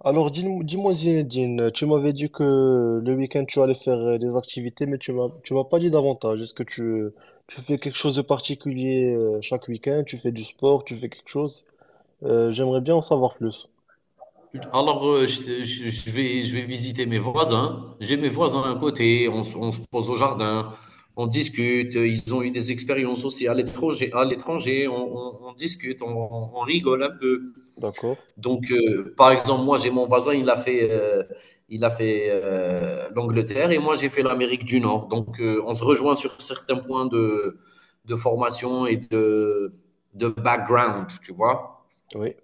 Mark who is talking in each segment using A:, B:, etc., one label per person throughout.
A: Alors, dis-moi, dis-moi, Zinedine, tu m'avais dit que le week-end tu allais faire des activités, mais tu m'as pas dit davantage. Tu fais quelque chose de particulier chaque week-end? Tu fais du sport? Tu fais quelque chose? J'aimerais bien en savoir plus.
B: Je vais visiter mes voisins. J'ai mes voisins à côté. On se pose au jardin. On discute. Ils ont eu des expériences aussi à l'étranger. À l'étranger, on discute. On rigole un peu.
A: D'accord.
B: Donc, par exemple, moi, j'ai mon voisin. Il a fait l'Angleterre et moi, j'ai fait l'Amérique du Nord. Donc, on se rejoint sur certains points de formation de background, tu vois.
A: Oui.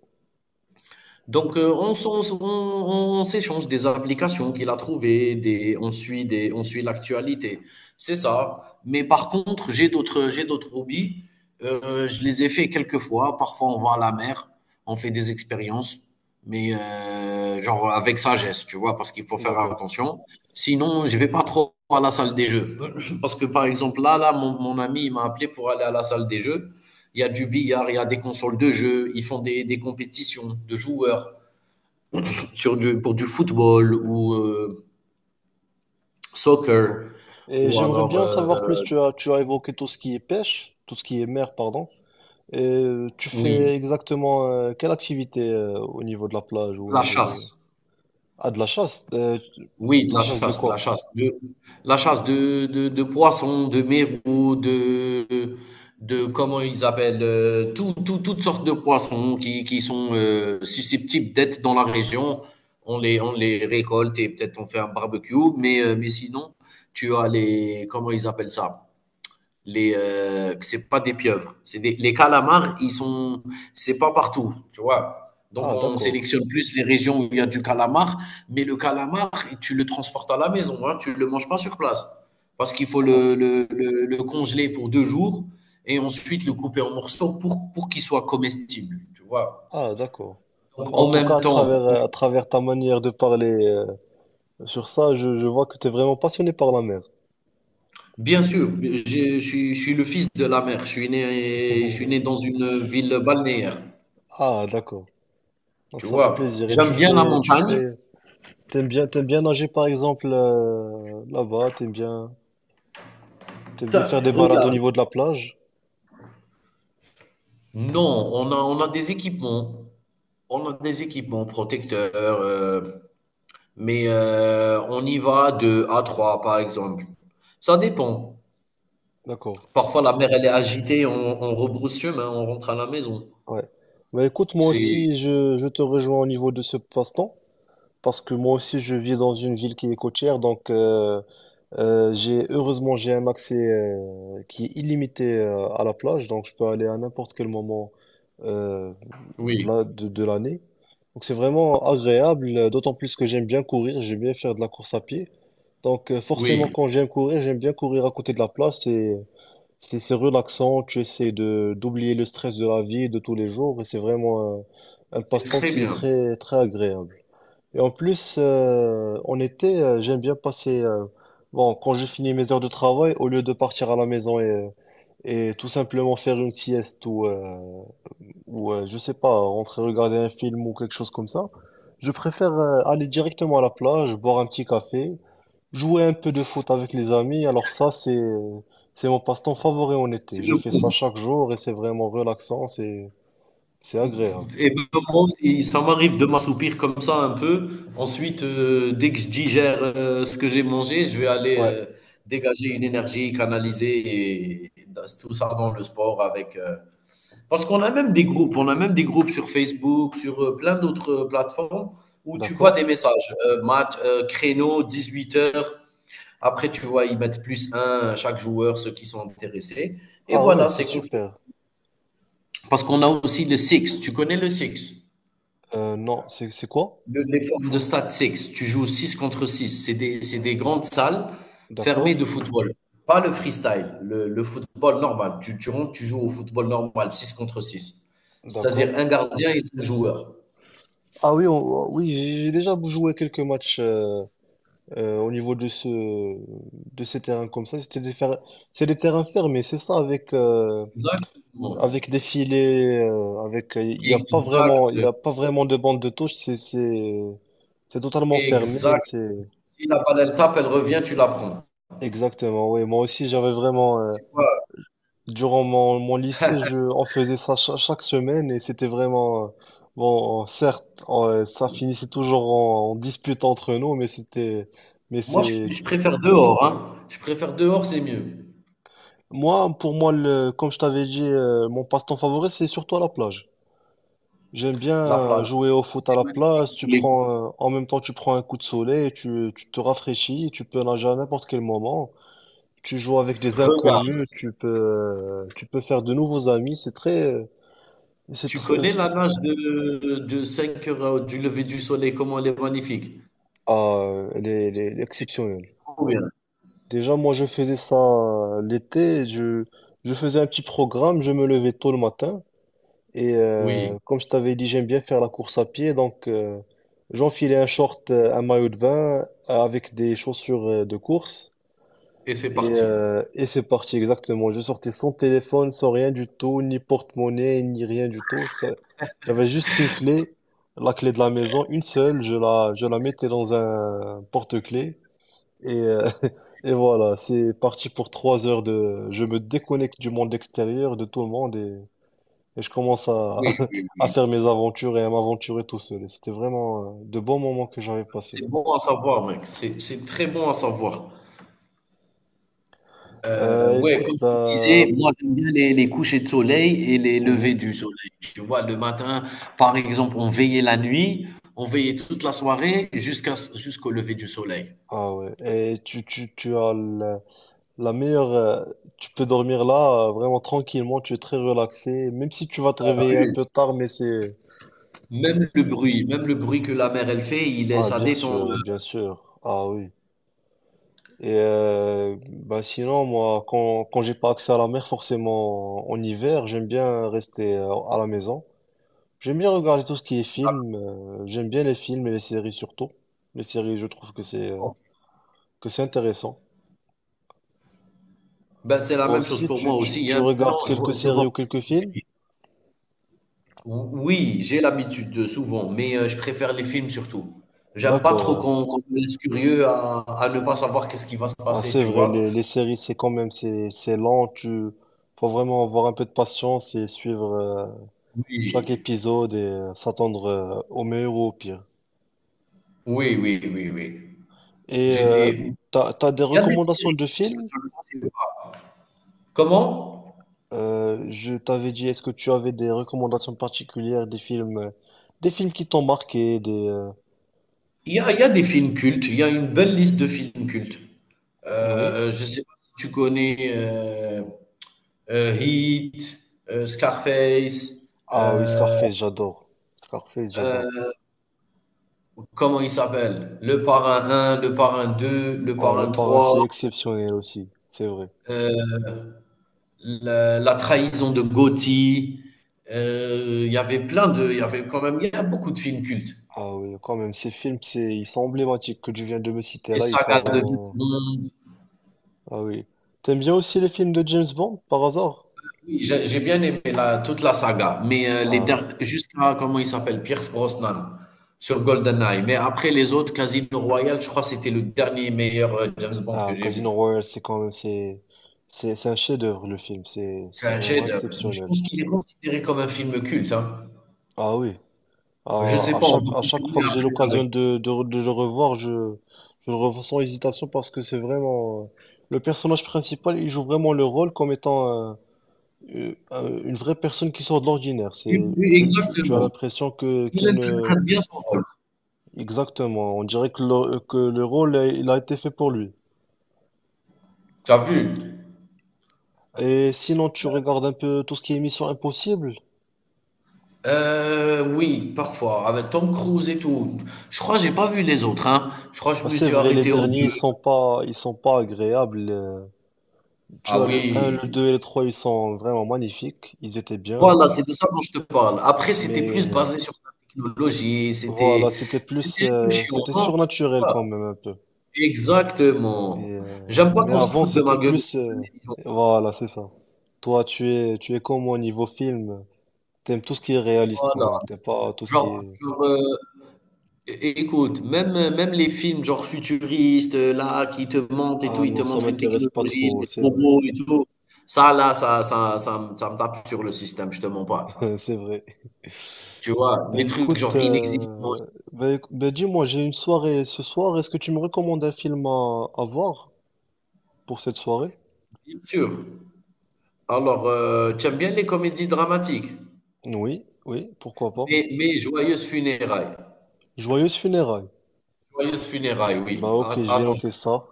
B: Donc, on s'échange des applications qu'il a trouvées, on suit on suit l'actualité. C'est ça. Mais par contre, j'ai d'autres hobbies. Je les ai fait quelques fois. Parfois, on va à la mer, on fait des expériences, mais genre avec sagesse, tu vois, parce qu'il faut faire
A: D'accord.
B: attention. Sinon, je vais pas trop à la salle des jeux. Parce que, par exemple, là, mon ami, il m'a appelé pour aller à la salle des jeux. Il y a du billard, il y a des consoles de jeux, ils font des compétitions de joueurs sur pour du football ou
A: D'accord.
B: soccer,
A: Et
B: ou
A: j'aimerais
B: alors,
A: bien en savoir plus. Tu as évoqué tout ce qui est pêche, tout ce qui est mer, pardon. Et tu
B: oui,
A: fais exactement quelle activité au niveau de la plage ou au
B: la
A: niveau de...
B: chasse.
A: Ah, de la chasse.
B: Oui,
A: De la chasse de
B: de la
A: quoi?
B: chasse, la chasse de poissons, de mérous, de comment ils appellent, toutes sortes de poissons qui sont susceptibles d'être dans la région. On les récolte et peut-être on fait un barbecue, mais sinon, tu as les, comment ils appellent ça? Les c'est pas des pieuvres. Les calamars, c'est pas partout, tu vois. Donc
A: Ah,
B: on
A: d'accord.
B: sélectionne plus les régions où il y a du calamar, mais le calamar, tu le transportes à la maison, hein, tu le manges pas sur place, parce qu'il faut
A: Ah, f-
B: le congeler pour 2 jours et ensuite le couper en morceaux pour qu'il soit comestible, tu vois.
A: ah, d'accord.
B: Donc,
A: En
B: en
A: tout
B: même
A: cas,
B: temps,
A: à travers ta manière de parler sur ça, je vois que tu es vraiment passionné par la mer.
B: bien sûr, je suis le fils de la mer. Je suis né dans une ville balnéaire.
A: Ah, d'accord.
B: Tu
A: Donc ça fait
B: vois,
A: plaisir.
B: j'aime bien la
A: Tu
B: montagne.
A: fais, t'aimes bien nager par exemple là-bas, t'aimes bien
B: Ta
A: faire des balades au
B: regarde,
A: niveau de la plage.
B: non, on a des équipements, on a des équipements protecteurs, on y va de à 3 par exemple. Ça dépend.
A: D'accord.
B: Parfois la mer elle est agitée, on rebrousse chemin, on rentre à la maison.
A: Ouais. Bah écoute, moi
B: C'est
A: aussi, je te rejoins au niveau de ce passe-temps, parce que moi aussi, je vis dans une ville qui est côtière, donc j'ai heureusement j'ai un accès qui est illimité à la plage, donc je peux aller à n'importe quel moment euh,
B: oui,
A: de l'année. Donc c'est vraiment agréable, d'autant plus que j'aime bien courir, j'aime bien faire de la course à pied. Donc forcément,
B: oui,
A: quand j'aime courir, j'aime bien courir à côté de la plage, c'est relaxant, tu essaies de d'oublier le stress de la vie de tous les jours et c'est vraiment un
B: c'est
A: passe-temps
B: très
A: qui est
B: bien.
A: très très agréable. Et en plus, en été, j'aime bien passer. Bon, quand je finis mes heures de travail, au lieu de partir à la maison et tout simplement faire une sieste ou je sais pas, rentrer regarder un film ou quelque chose comme ça, je préfère aller directement à la plage, boire un petit café. Jouer un peu de foot avec les amis, c'est mon passe-temps favori en été.
B: C'est
A: Je
B: le
A: fais ça
B: coup.
A: chaque jour et c'est vraiment relaxant, c'est agréable.
B: Et ben, moi aussi, ça m'arrive de m'assoupir comme ça un peu. Ensuite, dès que je digère ce que j'ai mangé, je vais aller
A: Ouais,
B: dégager une énergie, canaliser et tout ça dans le sport avec. Parce qu'on a même des groupes, on a même des groupes sur Facebook, sur plein d'autres plateformes où tu vois
A: d'accord.
B: des messages, match, créneau, 18 heures. Après, tu vois, ils mettent plus un à chaque joueur, ceux qui sont intéressés. Et
A: Ah ouais,
B: voilà,
A: c'est
B: c'est qu'on
A: super.
B: parce qu'on a aussi le six. Tu connais le six?
A: Non, c'est quoi?
B: Le- les formes de stade 6, tu joues 6 contre 6. C'est des grandes salles fermées
A: D'accord,
B: de football. Pas le freestyle, le football normal. Tu rentres, tu joues au football normal, 6 contre 6. C'est-à-dire
A: d'accord.
B: un gardien et 5 joueurs.
A: Ah oui, oui, j'ai déjà joué quelques matchs au niveau de de ces terrains comme ça. C'est des terrains fermés, c'est ça avec,
B: Exactement.
A: avec des filets, avec, il n'y a pas
B: Exact.
A: vraiment, il y a pas vraiment de bande de touche, c'est totalement fermé,
B: Exact. Si la balle, elle tape, elle revient, tu la prends.
A: exactement, oui. Moi aussi, j'avais vraiment,
B: Tu vois,
A: durant mon lycée, on faisait ça chaque semaine et c'était vraiment, bon, certes, ça finissait toujours en, en dispute entre nous, mais c'est,
B: je préfère dehors. Hein. Je préfère dehors, c'est mieux.
A: moi, pour moi, comme je t'avais dit, mon passe-temps favori, c'est surtout à la plage. J'aime bien
B: La plage,
A: jouer au foot à
B: c'est
A: la
B: magnifique.
A: plage. Tu
B: Les-
A: prends, en même temps, tu prends un coup de soleil, tu te rafraîchis, tu peux nager à n'importe quel moment. Tu joues avec des
B: Regarde.
A: inconnus, tu peux faire de nouveaux amis. C'est
B: Tu
A: très,
B: connais la
A: c'est-
B: nage de 5 heures du lever du soleil, comment elle est magnifique.
A: ah, elle est
B: C'est
A: exceptionnelle.
B: c'est trop bien.
A: Déjà, moi, je faisais ça l'été. Je faisais un petit programme. Je me levais tôt le matin. Et
B: Oui,
A: comme je t'avais dit, j'aime bien faire la course à pied. Donc, j'enfilais un short, un maillot de bain avec des chaussures de course.
B: et c'est parti.
A: Et c'est parti, exactement. Je sortais sans téléphone, sans rien du tout, ni porte-monnaie, ni rien du tout. J'avais juste une clé, la clé de la maison, une seule. Je la mettais dans un porte-clés. Et, euh, et voilà, c'est parti pour trois heures de... Je me déconnecte du monde extérieur, de tout le monde, et je commence
B: Oui, oui,
A: à
B: oui.
A: faire mes aventures et à m'aventurer tout seul. Et c'était vraiment de bons moments que j'avais passés.
B: C'est bon à savoir, mec. C'est très bon à savoir. Ouais,
A: Écoute,
B: comme je te
A: bah,
B: disais, moi j'aime bien les couchers de soleil et les
A: mhm.
B: levées du soleil. Tu vois, le matin, par exemple, on veillait la nuit, on veillait toute la soirée jusqu'au lever du soleil.
A: Ah ouais. Et tu as la meilleure, tu peux dormir là, vraiment tranquillement, tu es très relaxé, même si tu vas te
B: T'as
A: réveiller un
B: vu.
A: peu tard,
B: Même le bruit que la mer elle fait, il est,
A: ah,
B: ça
A: bien
B: détend.
A: sûr, bien sûr. Ah oui. Et bah sinon moi quand j'ai pas accès à la mer forcément en hiver j'aime bien rester à la maison. J'aime bien regarder tout ce qui est film. J'aime bien les films et les séries surtout. Les séries, je trouve
B: euh,
A: que c'est intéressant.
B: Ben, c'est la
A: Toi
B: même chose
A: aussi,
B: pour moi aussi,
A: tu
B: hein. Non,
A: regardes quelques
B: je
A: séries
B: vois
A: ou
B: pas
A: quelques
B: trop de
A: films?
B: séries. Oui, j'ai l'habitude, de souvent, mais je préfère les films surtout. J'aime pas
A: D'accord.
B: trop qu'on me laisse curieux à ne pas savoir qu'est-ce qui va se
A: Ah,
B: passer,
A: c'est
B: tu
A: vrai,
B: vois?
A: les séries, c'est quand même c'est lent. Tu Faut vraiment avoir un peu de patience et suivre chaque
B: Oui.
A: épisode et s'attendre au meilleur ou au pire.
B: Oui, oui, oui, oui.
A: Et
B: J'étais
A: t'as des
B: il y a des
A: recommandations
B: séries
A: de
B: sur lesquelles
A: films?
B: je ne pensais pas. Comment?
A: Je t'avais dit, est-ce que tu avais des recommandations particulières, des films qui t'ont marqué,
B: Il y a des films cultes, il y a une belle liste de films cultes.
A: oui.
B: Je sais pas si tu connais, Heat, Scarface,
A: Ah oui,
B: heu.
A: Scarface, j'adore. Scarface, j'adore.
B: Comment il s'appelle? Le parrain un, le parrain 2, le
A: Ah, Le
B: parrain
A: Parrain, c'est
B: 3.
A: exceptionnel aussi, c'est vrai.
B: euh, la trahison de Gotti. Il y avait plein de. Il y avait quand même il y a beaucoup de films cultes.
A: Ah oui, quand même, ces films, ils sont emblématiques que tu viens de me citer
B: Et
A: là, ils sont
B: saga de tout le
A: vraiment...
B: monde.
A: Ah oui. T'aimes bien aussi les films de James Bond, par hasard?
B: Oui, j'ai bien aimé toute la saga, mais
A: Ah, ouais.
B: jusqu'à comment il s'appelle, Pierce Brosnan sur GoldenEye. Mais après les autres, Casino Royale, je crois que c'était le dernier meilleur James Bond que
A: Ah,
B: j'ai vu.
A: Casino Royale, c'est un chef-d'œuvre,
B: C'est
A: c'est
B: un
A: vraiment
B: chef-d'œuvre. Je
A: exceptionnel.
B: pense qu'il est considéré comme un film culte. Hein.
A: Ah oui,
B: Je sais pas, on va
A: à chaque
B: confirmer
A: fois que j'ai
B: après
A: l'occasion
B: avec
A: de le revoir, je le revois sans hésitation parce que c'est vraiment... le personnage principal, il joue vraiment le rôle comme étant une vraie personne qui sort de l'ordinaire.
B: oui,
A: Tu as
B: exactement.
A: l'impression que
B: Il
A: qu'il ne...
B: interprète bien son rôle.
A: Exactement, on dirait que que le rôle, il a été fait pour lui.
B: T'as vu?
A: Et sinon, tu regardes un peu tout ce qui est Mission Impossible.
B: Oui, parfois, avec Tom Cruise et tout. Je crois que j'ai pas vu les autres, hein. Je crois que je
A: Bah,
B: me
A: c'est
B: suis
A: vrai, les
B: arrêté aux 2.
A: derniers, ils sont pas agréables. Tu
B: Ah
A: as le un,
B: oui.
A: le 2 et le 3, ils sont vraiment magnifiques, ils étaient bien,
B: Voilà, c'est de ça dont je te parle. Après, c'était
A: mais
B: plus basé sur la technologie,
A: voilà,
B: c'était un peu chiant,
A: c'était
B: non? Tu
A: surnaturel
B: trouves
A: quand même un peu.
B: exactement. J'aime pas
A: Mais
B: qu'on se
A: avant,
B: foute de ma gueule.
A: voilà, c'est ça. Toi, tu es comme moi niveau film, t'aimes tout ce qui est réaliste quand
B: Voilà,
A: même, t'aimes pas tout ce qui
B: genre
A: est...
B: heu. Écoute, même les films genre futuristes, là, qui te montrent et tout,
A: Ah
B: ils te
A: non, ça
B: montrent une
A: m'intéresse pas
B: technologie,
A: trop,
B: les
A: c'est vrai,
B: robots et tout. Ça, là, ça, ça me tape sur le système, je te mens pas.
A: c'est vrai.
B: Tu vois,
A: Ben
B: les trucs
A: écoute,
B: genre inexistants,
A: euh, ben, dis-moi, j'ai une soirée ce soir, est-ce que tu me recommandes un film à voir pour cette soirée?
B: bien sûr. Alors, tu aimes bien les comédies dramatiques,
A: Oui, oui, pourquoi pas.
B: mais Joyeuses Funérailles.
A: Joyeuses funérailles.
B: Joyeuses Funérailles,
A: Bah
B: oui.
A: ok, je vais
B: Attends,
A: noter ça.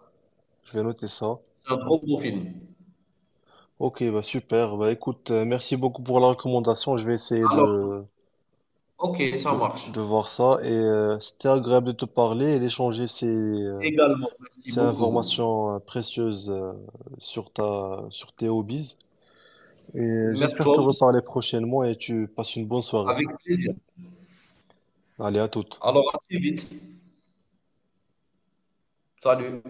A: Je vais noter ça.
B: c'est un trop beau film.
A: Ok, bah super. Bah écoute, merci beaucoup pour la recommandation. Je vais essayer
B: Alors, ok, ça marche.
A: de voir ça. Et c'était agréable de te parler et d'échanger
B: Également, merci
A: ces
B: beaucoup.
A: informations précieuses sur sur tes hobbies. Et
B: Merci
A: j'espère
B: toi
A: te
B: aussi,
A: reparler prochainement et tu passes une bonne soirée.
B: avec plaisir.
A: Allez, à toute.
B: Alors, à très vite. Salut.